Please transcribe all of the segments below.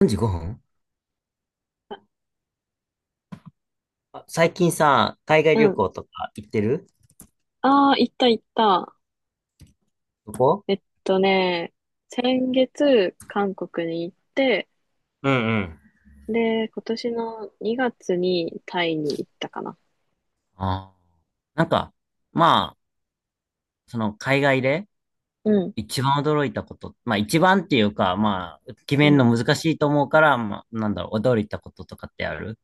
3時5分。あ、最近さ、海外う旅ん。行とか行ってる？ああ、行った行った。どこ？えっとね、先月、韓国に行って、うんうん。で、今年の2月にタイに行ったかな。ああ。なんか、まあ、その海外でうん。一番驚いたこと、まあ一番っていうか、まあ、決うめるのん。難しいと思うから、まあ、なんだろう、驚いたこととかってある？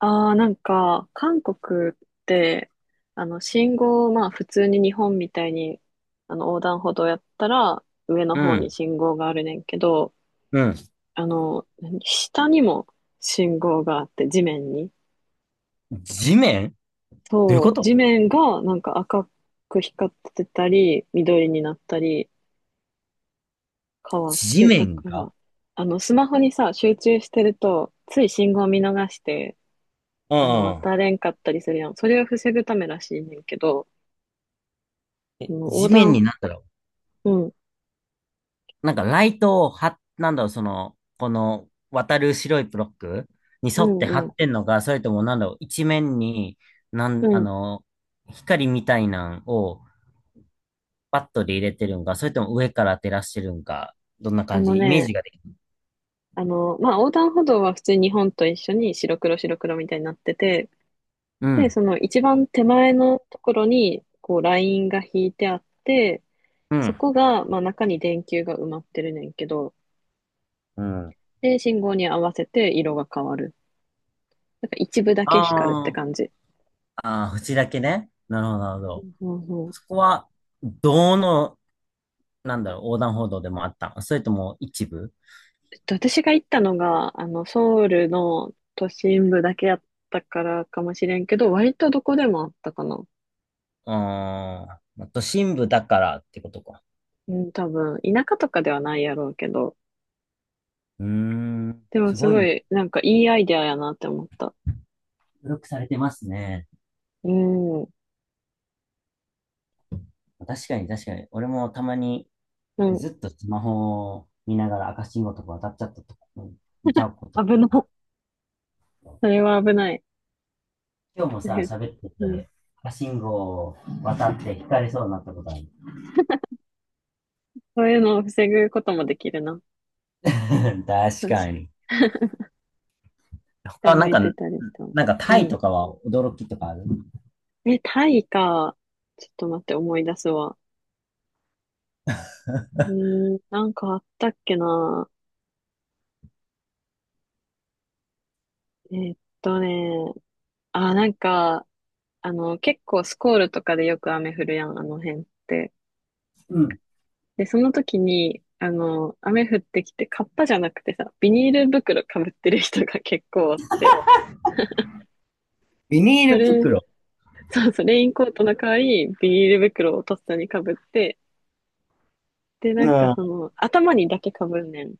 ああ、なんか、韓国って、信号、まあ、普通に日本みたいに、横断歩道やったら、上のう方にん。信号があるねんけど、うん。あの、何下にも信号があって、地面に。地面？どういうこそう、と？地面がなんか赤く光ってたり、緑になったり変わっ地て、だ面かが？ら、スマホにさ、集中してると、つい信号見逃して、うんうん。渡れんかったりするやん。それを防ぐためらしいねんけど、え、あの横地面断、になんだろう、うん、なんかライトをなんだろう、その、この渡る白いブロックにう沿って貼ん、うん、ってんのか、それともなんだろう、一面に、なうん、あん。の、光みたいなんをバットで入れてるんか、それとも上から照らしてるんか、どんなあ感のじ、イメージね、ができる。まあ、横断歩道は普通に日本と一緒に白黒白黒みたいになってて、うで、ん、その一番手前のところに、こう、ラインが引いてあって、うそん、こが、まあ、中に電球が埋まってるねんけど、うん。で、信号に合わせて色が変わる。なんか一部だけ光るってあー感じ。あー、縁だけね。なるほど、なるほそど。うそう。そこは、どの、なんだろう、横断歩道でもあったの？それとも一部？えっと私が行ったのが、ソウルの都心部だけやったからかもしれんけど、割とどこでもあったかな。うーん、都心部だからってことか。うん、多分、田舎とかではないやろうけど、うーん。でもすすごごい、い、なんかいいアイデアやなって思った。努力されてますね。うん、う確かに確かに。俺もたまにん、ずっとスマホを見ながら赤信号とか渡っちゃったとか、見ちゃうこと危ない。とか。それは危ない。今日もさ、喋ってうん、て、赤信号を渡って引かれそうになったことある。そういうのを防ぐこともできるな。確よしかに。他下はな向んいか、てたりしたの。なんかうタイん。とかは驚きとかある？え、タイか。ちょっと待って、思い出すわ。うーん、なんかあったっけな。えーっとね、あ、なんか、結構スコールとかでよく雨降るやん、あの辺って。うん。で、その時に、雨降ってきて、カッパじゃなくてさ、ビニール袋かぶってる人が 結構あって、ビニそールれ、袋？そうそう、レインコートの代わり、ビニール袋をとっさにかぶって、で、うなん、んかそもの、頭にだけかぶんねん。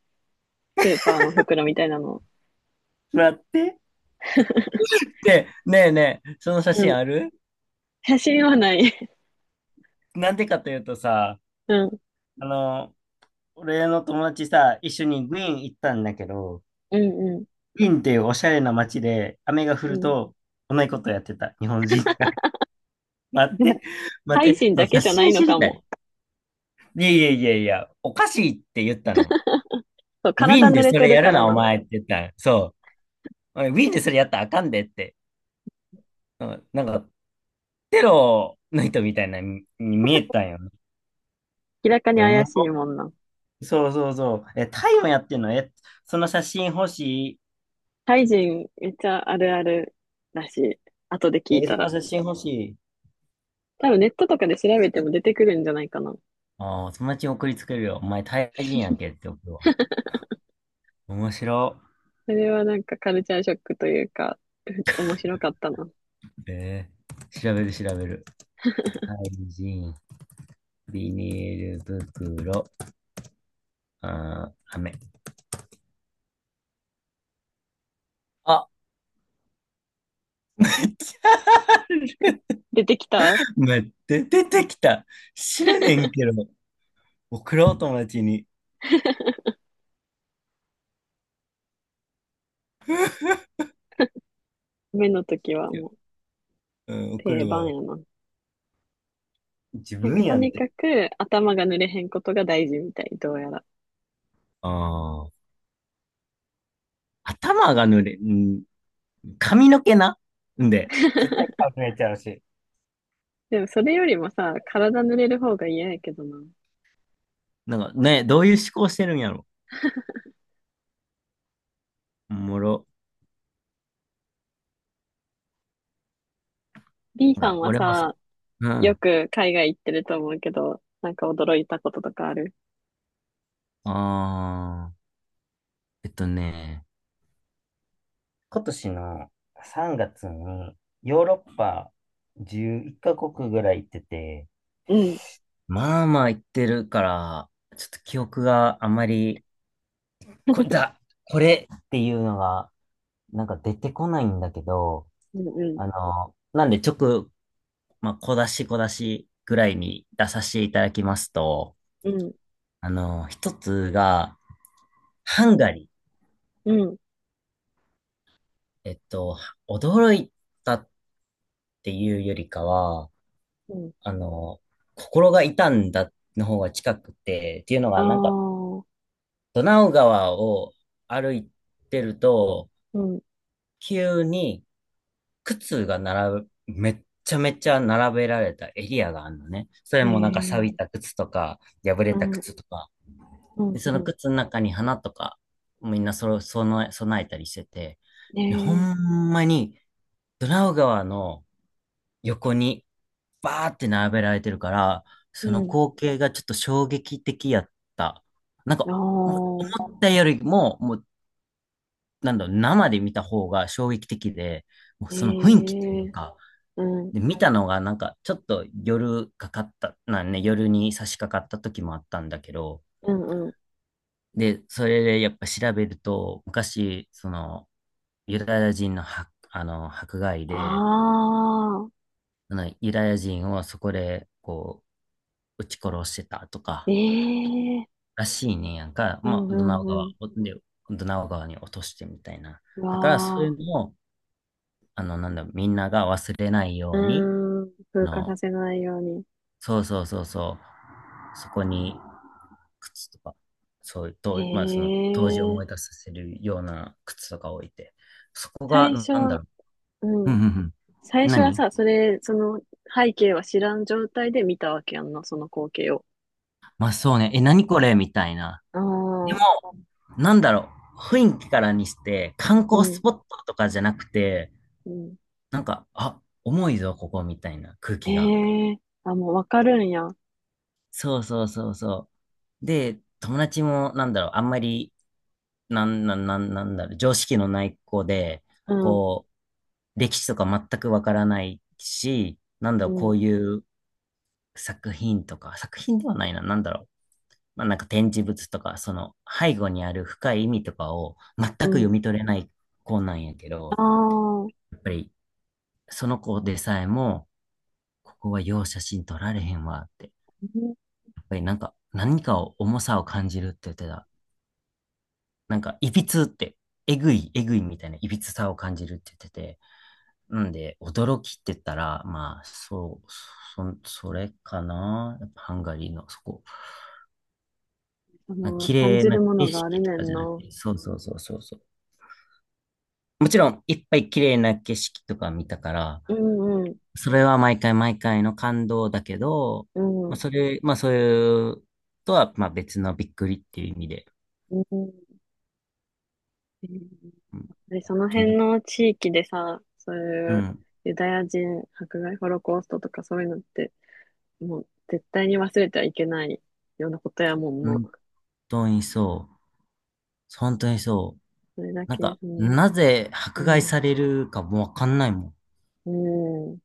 スーパーの袋みたいなのを。らって。で、ねえねえ、その写う真ん。ある？写真はない。なんでかというとさ、うん。あの、俺の友達さ、一緒にグイーン行ったんだけど、うん、うん、グイーンっていうおしゃれな街で、雨が降うるん。と、同じことやってた、日本人が。待って、タ待っイて、人そだう、け写じゃな真いの知りかたも。い。いやいやいやいや、おかしいって言ったの。そう、ウィ体ーン濡でれそてれるやかるらな、おな。前って言ったの。そう。おいウィーンでそれやったらあかんでって。うん、なんか、テロの人みたいなに見えたんよね。明らかいにや、おも怪しいろ。もんな。そうそうそう。え、タイもやってんの？え、その写真欲しい。タイ人めっちゃあるあるらしい。後で聞いえ、たそのら。写真欲しい。多分ネットとかで調べても出てくるんじゃないかな。ああ、友達に送りつけるよ。お前、タイ人やんけって送るわ。面白。それはなんかカルチャーショックというか、ふ面白かったな。えー、調べる調べる。タイ人、ビニール袋、あー、飴。あ、出てきた 待って、出てきた。知らねんけど、送ろう、友達に。目の時はいや。もううん、送定る番わ。やな。自なんか分とやんっにて。かく頭が濡れへんことが大事みたい、どうやら。ああ、頭が濡れ、うん、髪の毛な。んで、絶対 顔濡れちゃうし。でもそれよりもさ、体濡れる方が嫌やけどな。なんかね、どういう思考してるんやろ。おもろ。B さんが、は俺も、さ、うよん。く海外行ってると思うけど、なんか驚いたこととかある？ああ、えっとね、今年の3月にヨーロッパ11カ国ぐらい行ってて、うん、まあまあ言ってるから、ちょっと記憶があまり、これだ、これっていうのが、なんか出てこないんだけど、うん、うん、あの、なんでまあ、小出し小出しぐらいに出させていただきますと、うん、あの、一つが、ハンガリー。うん。えっと、驚いたっていうよりかは、うん、あの、心が痛んだの方が近くて、っていうのあが、なんか、あ、ドナウ川を歩いてると、うん、急に靴が並ぶ、めっちゃめちゃ並べられたエリアがあるのね。それえもなんか錆びえ、た靴とか、破れうたん、うん、靴とか。で、そのう靴の中に花とか、みんなそろ、その、備えたりしてて、ん、で、ほええ、んまに、ドナウ川の横にバーって並べられてるから、そうのん、光景がちょっと衝撃的やった。なんか、あもあ、思ったよりも、もう、なんだろう、生で見た方が衝撃的で、もうえその雰囲気というえ、か、うん、で、見たのがなんか、ちょっと夜に差し掛かった時もあったんだけど、うん、うん、で、それでやっぱ調べると、昔、その、ユダヤ人の迫害あで、あ、あのユダヤ人をそこで、こう、撃ち殺してたとえか、え、らしいねんやんか。うまん、あ、うん、うん、ドナウ川に落としてみたいな。うだから、そわういあ、うのを、あの、なんだ、みんなが忘れないうように、ーん、あ風化さの、せないように。そうそうそうそう、そこに靴とか、そういう、と、まあ、その、当時をえ思いえ、出させるような靴とか置いて、そこ最が、初なんだは、ろうう。うんん。うん最うん。初は何、さ、それ、その背景は知らん状態で見たわけやんな、その光景を。まあ、そうね。え、何これみたいな。あでも、あ、なんだろう、雰囲気からにして、観う光スん、ポットとかじゃなくて、うん。なんか、あ、重いぞ、ここ、みたいな空え気が。えあ、もうわかるんや。そうそうそうそう。で、友達も、なんだろう、あんまり、なんだろう、常識のない子で、うん、こう、歴史とか全くわからないし、なんだうろう、こん、ういう作品とか、作品ではないな、なんだろう、まあ、なんか展示物とか、その背後にある深い意味とかを全くう読ん。み取れない子なんやけあど、あ、うん、やっぱりその子でさえも、ここはよう写真撮られへんわって、やっぱりなんか何かを重さを感じるって言ってた。なんか、いびつって、えぐい、えぐいみたいないびつさを感じるって言ってて、なんで、驚きって言ったら、まあ、それかな。やっぱハンガリーのそこ。そなんかの、綺感麗じなるも景のがある色とねかんじゃなくな。て、そうそうそうそうそう。もちろん、いっぱい綺麗な景色とか見たから、うん、うん、それは毎回毎回の感動だけど、うまあ、ん、それ、まあ、そういうとは、まあ、別のびっくりっていう意味で。うん。えーうんで、そのと、辺の地域でさ、そうういうん、ユダヤ人迫害、ホロコーストとかそういうのって、もう絶対に忘れてはいけないようなことやもんな。本当にそう。本当にそう。それだなんけ、か、うん、なぜう迫害ん、されるかもわかんないもん。うん。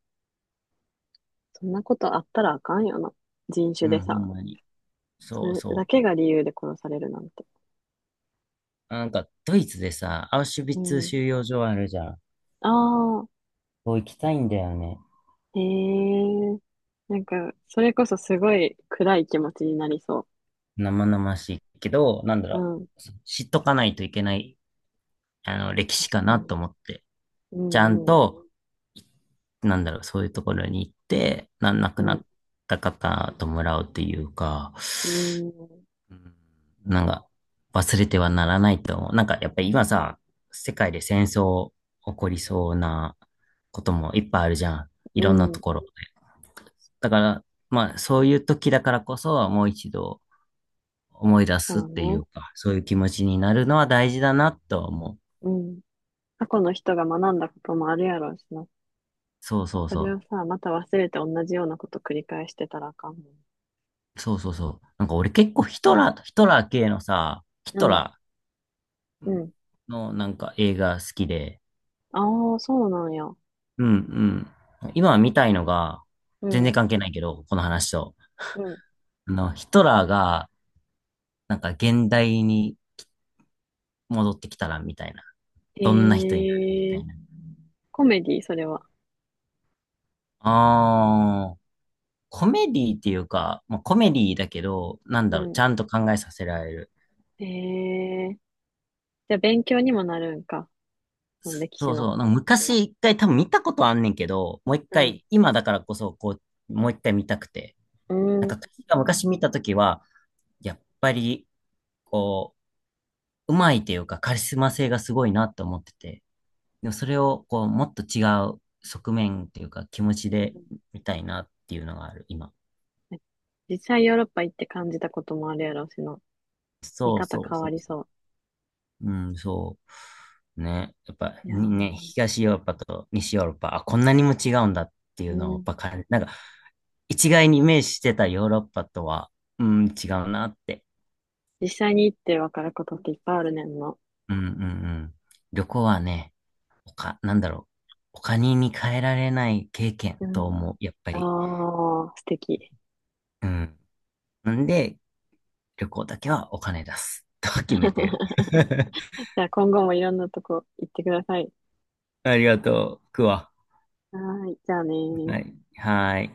そんなことあったらあかんよな。人種うでん、ほさ。んまに。そそうれだそけが理由で殺されるなんて。う。なんか、ドイツでさ、アウシュビうッツん。収容所あるじゃん。ああ、そう行きたいんだよね。へえ。なんか、それこそすごい暗い気持ちになりそ生々しいけど、なんだう。うろう。ん。知っとかないといけないあの、歴史確かかなに。と思って、うちゃんん、うん、と、なんだろう、そういうところに行って、亡くなうった方ともらうっていうか、ん、うん、うん、なんか、忘れてはならないと思う。なんか、やっぱり今さ、世界で戦争起こりそうなこともいっぱいあるじゃん。いうろんなん。ところで。だから、まあ、そういう時だからこそ、もう一度思い出そすっうていね。うか、そういう気持ちになるのは大事だなとは思う。うん。過去の人が学んだこともあるやろうしな。そうそうそそれをう。さ、また忘れて同じようなこと繰り返してたらあかんもん。そうそうそう。なんか俺結構ヒトラー、ヒトラー系のさ、ヒうトん、ラうーん。のなんか映画好きで、ああ、そうなんや。うんうん今見たいのが、う全然ん、関係ないけど、この話と。うん。あの、ヒトラーが、なんか現代に戻ってきたら、みたいな。えどんな人になるみたー、いな。コメディ、それは。あー、コメディっていうか、まあ、コメディだけど、なんうだろう、ちん。ゃんと考えさせられる。えー、じゃあ勉強にもなるんか。その歴史そうの。そう、なんか昔一回多分見たことあんねんけど、もう一うん。回、今だからこそ、こう、もう一回見たくて。うなんかん。確か昔見たときは、やっぱり、こう、うまいというかカリスマ性がすごいなと思ってて、でもそれをこう、もっと違う側面というか気持ちで見たいなっていうのがある、今。実際ヨーロッパ行って感じたこともあるやろうしの。見そう方そう変わそうりそそう。うん、そう。ね。やっぱ、う。いやー、東ヨーロッパと西ヨーロッパ、あ、こんなにも違うんだっていううのをやっん。ぱ感じ、なんか、一概にイメージしてたヨーロッパとは、うん、違うなって。実際に行ってわかることっていっぱいあるねんの。うんうんうん。旅行はね、他、なんだろう。他に変えられない経験うとん。思う、やっぱあり。ー、素敵。うん。なんで、旅行だけはお金出す。と決めてる。じゃあ今後もいろんなとこ行ってください。ありがとう。くわ。はーい、じゃあねー。はい。はーい。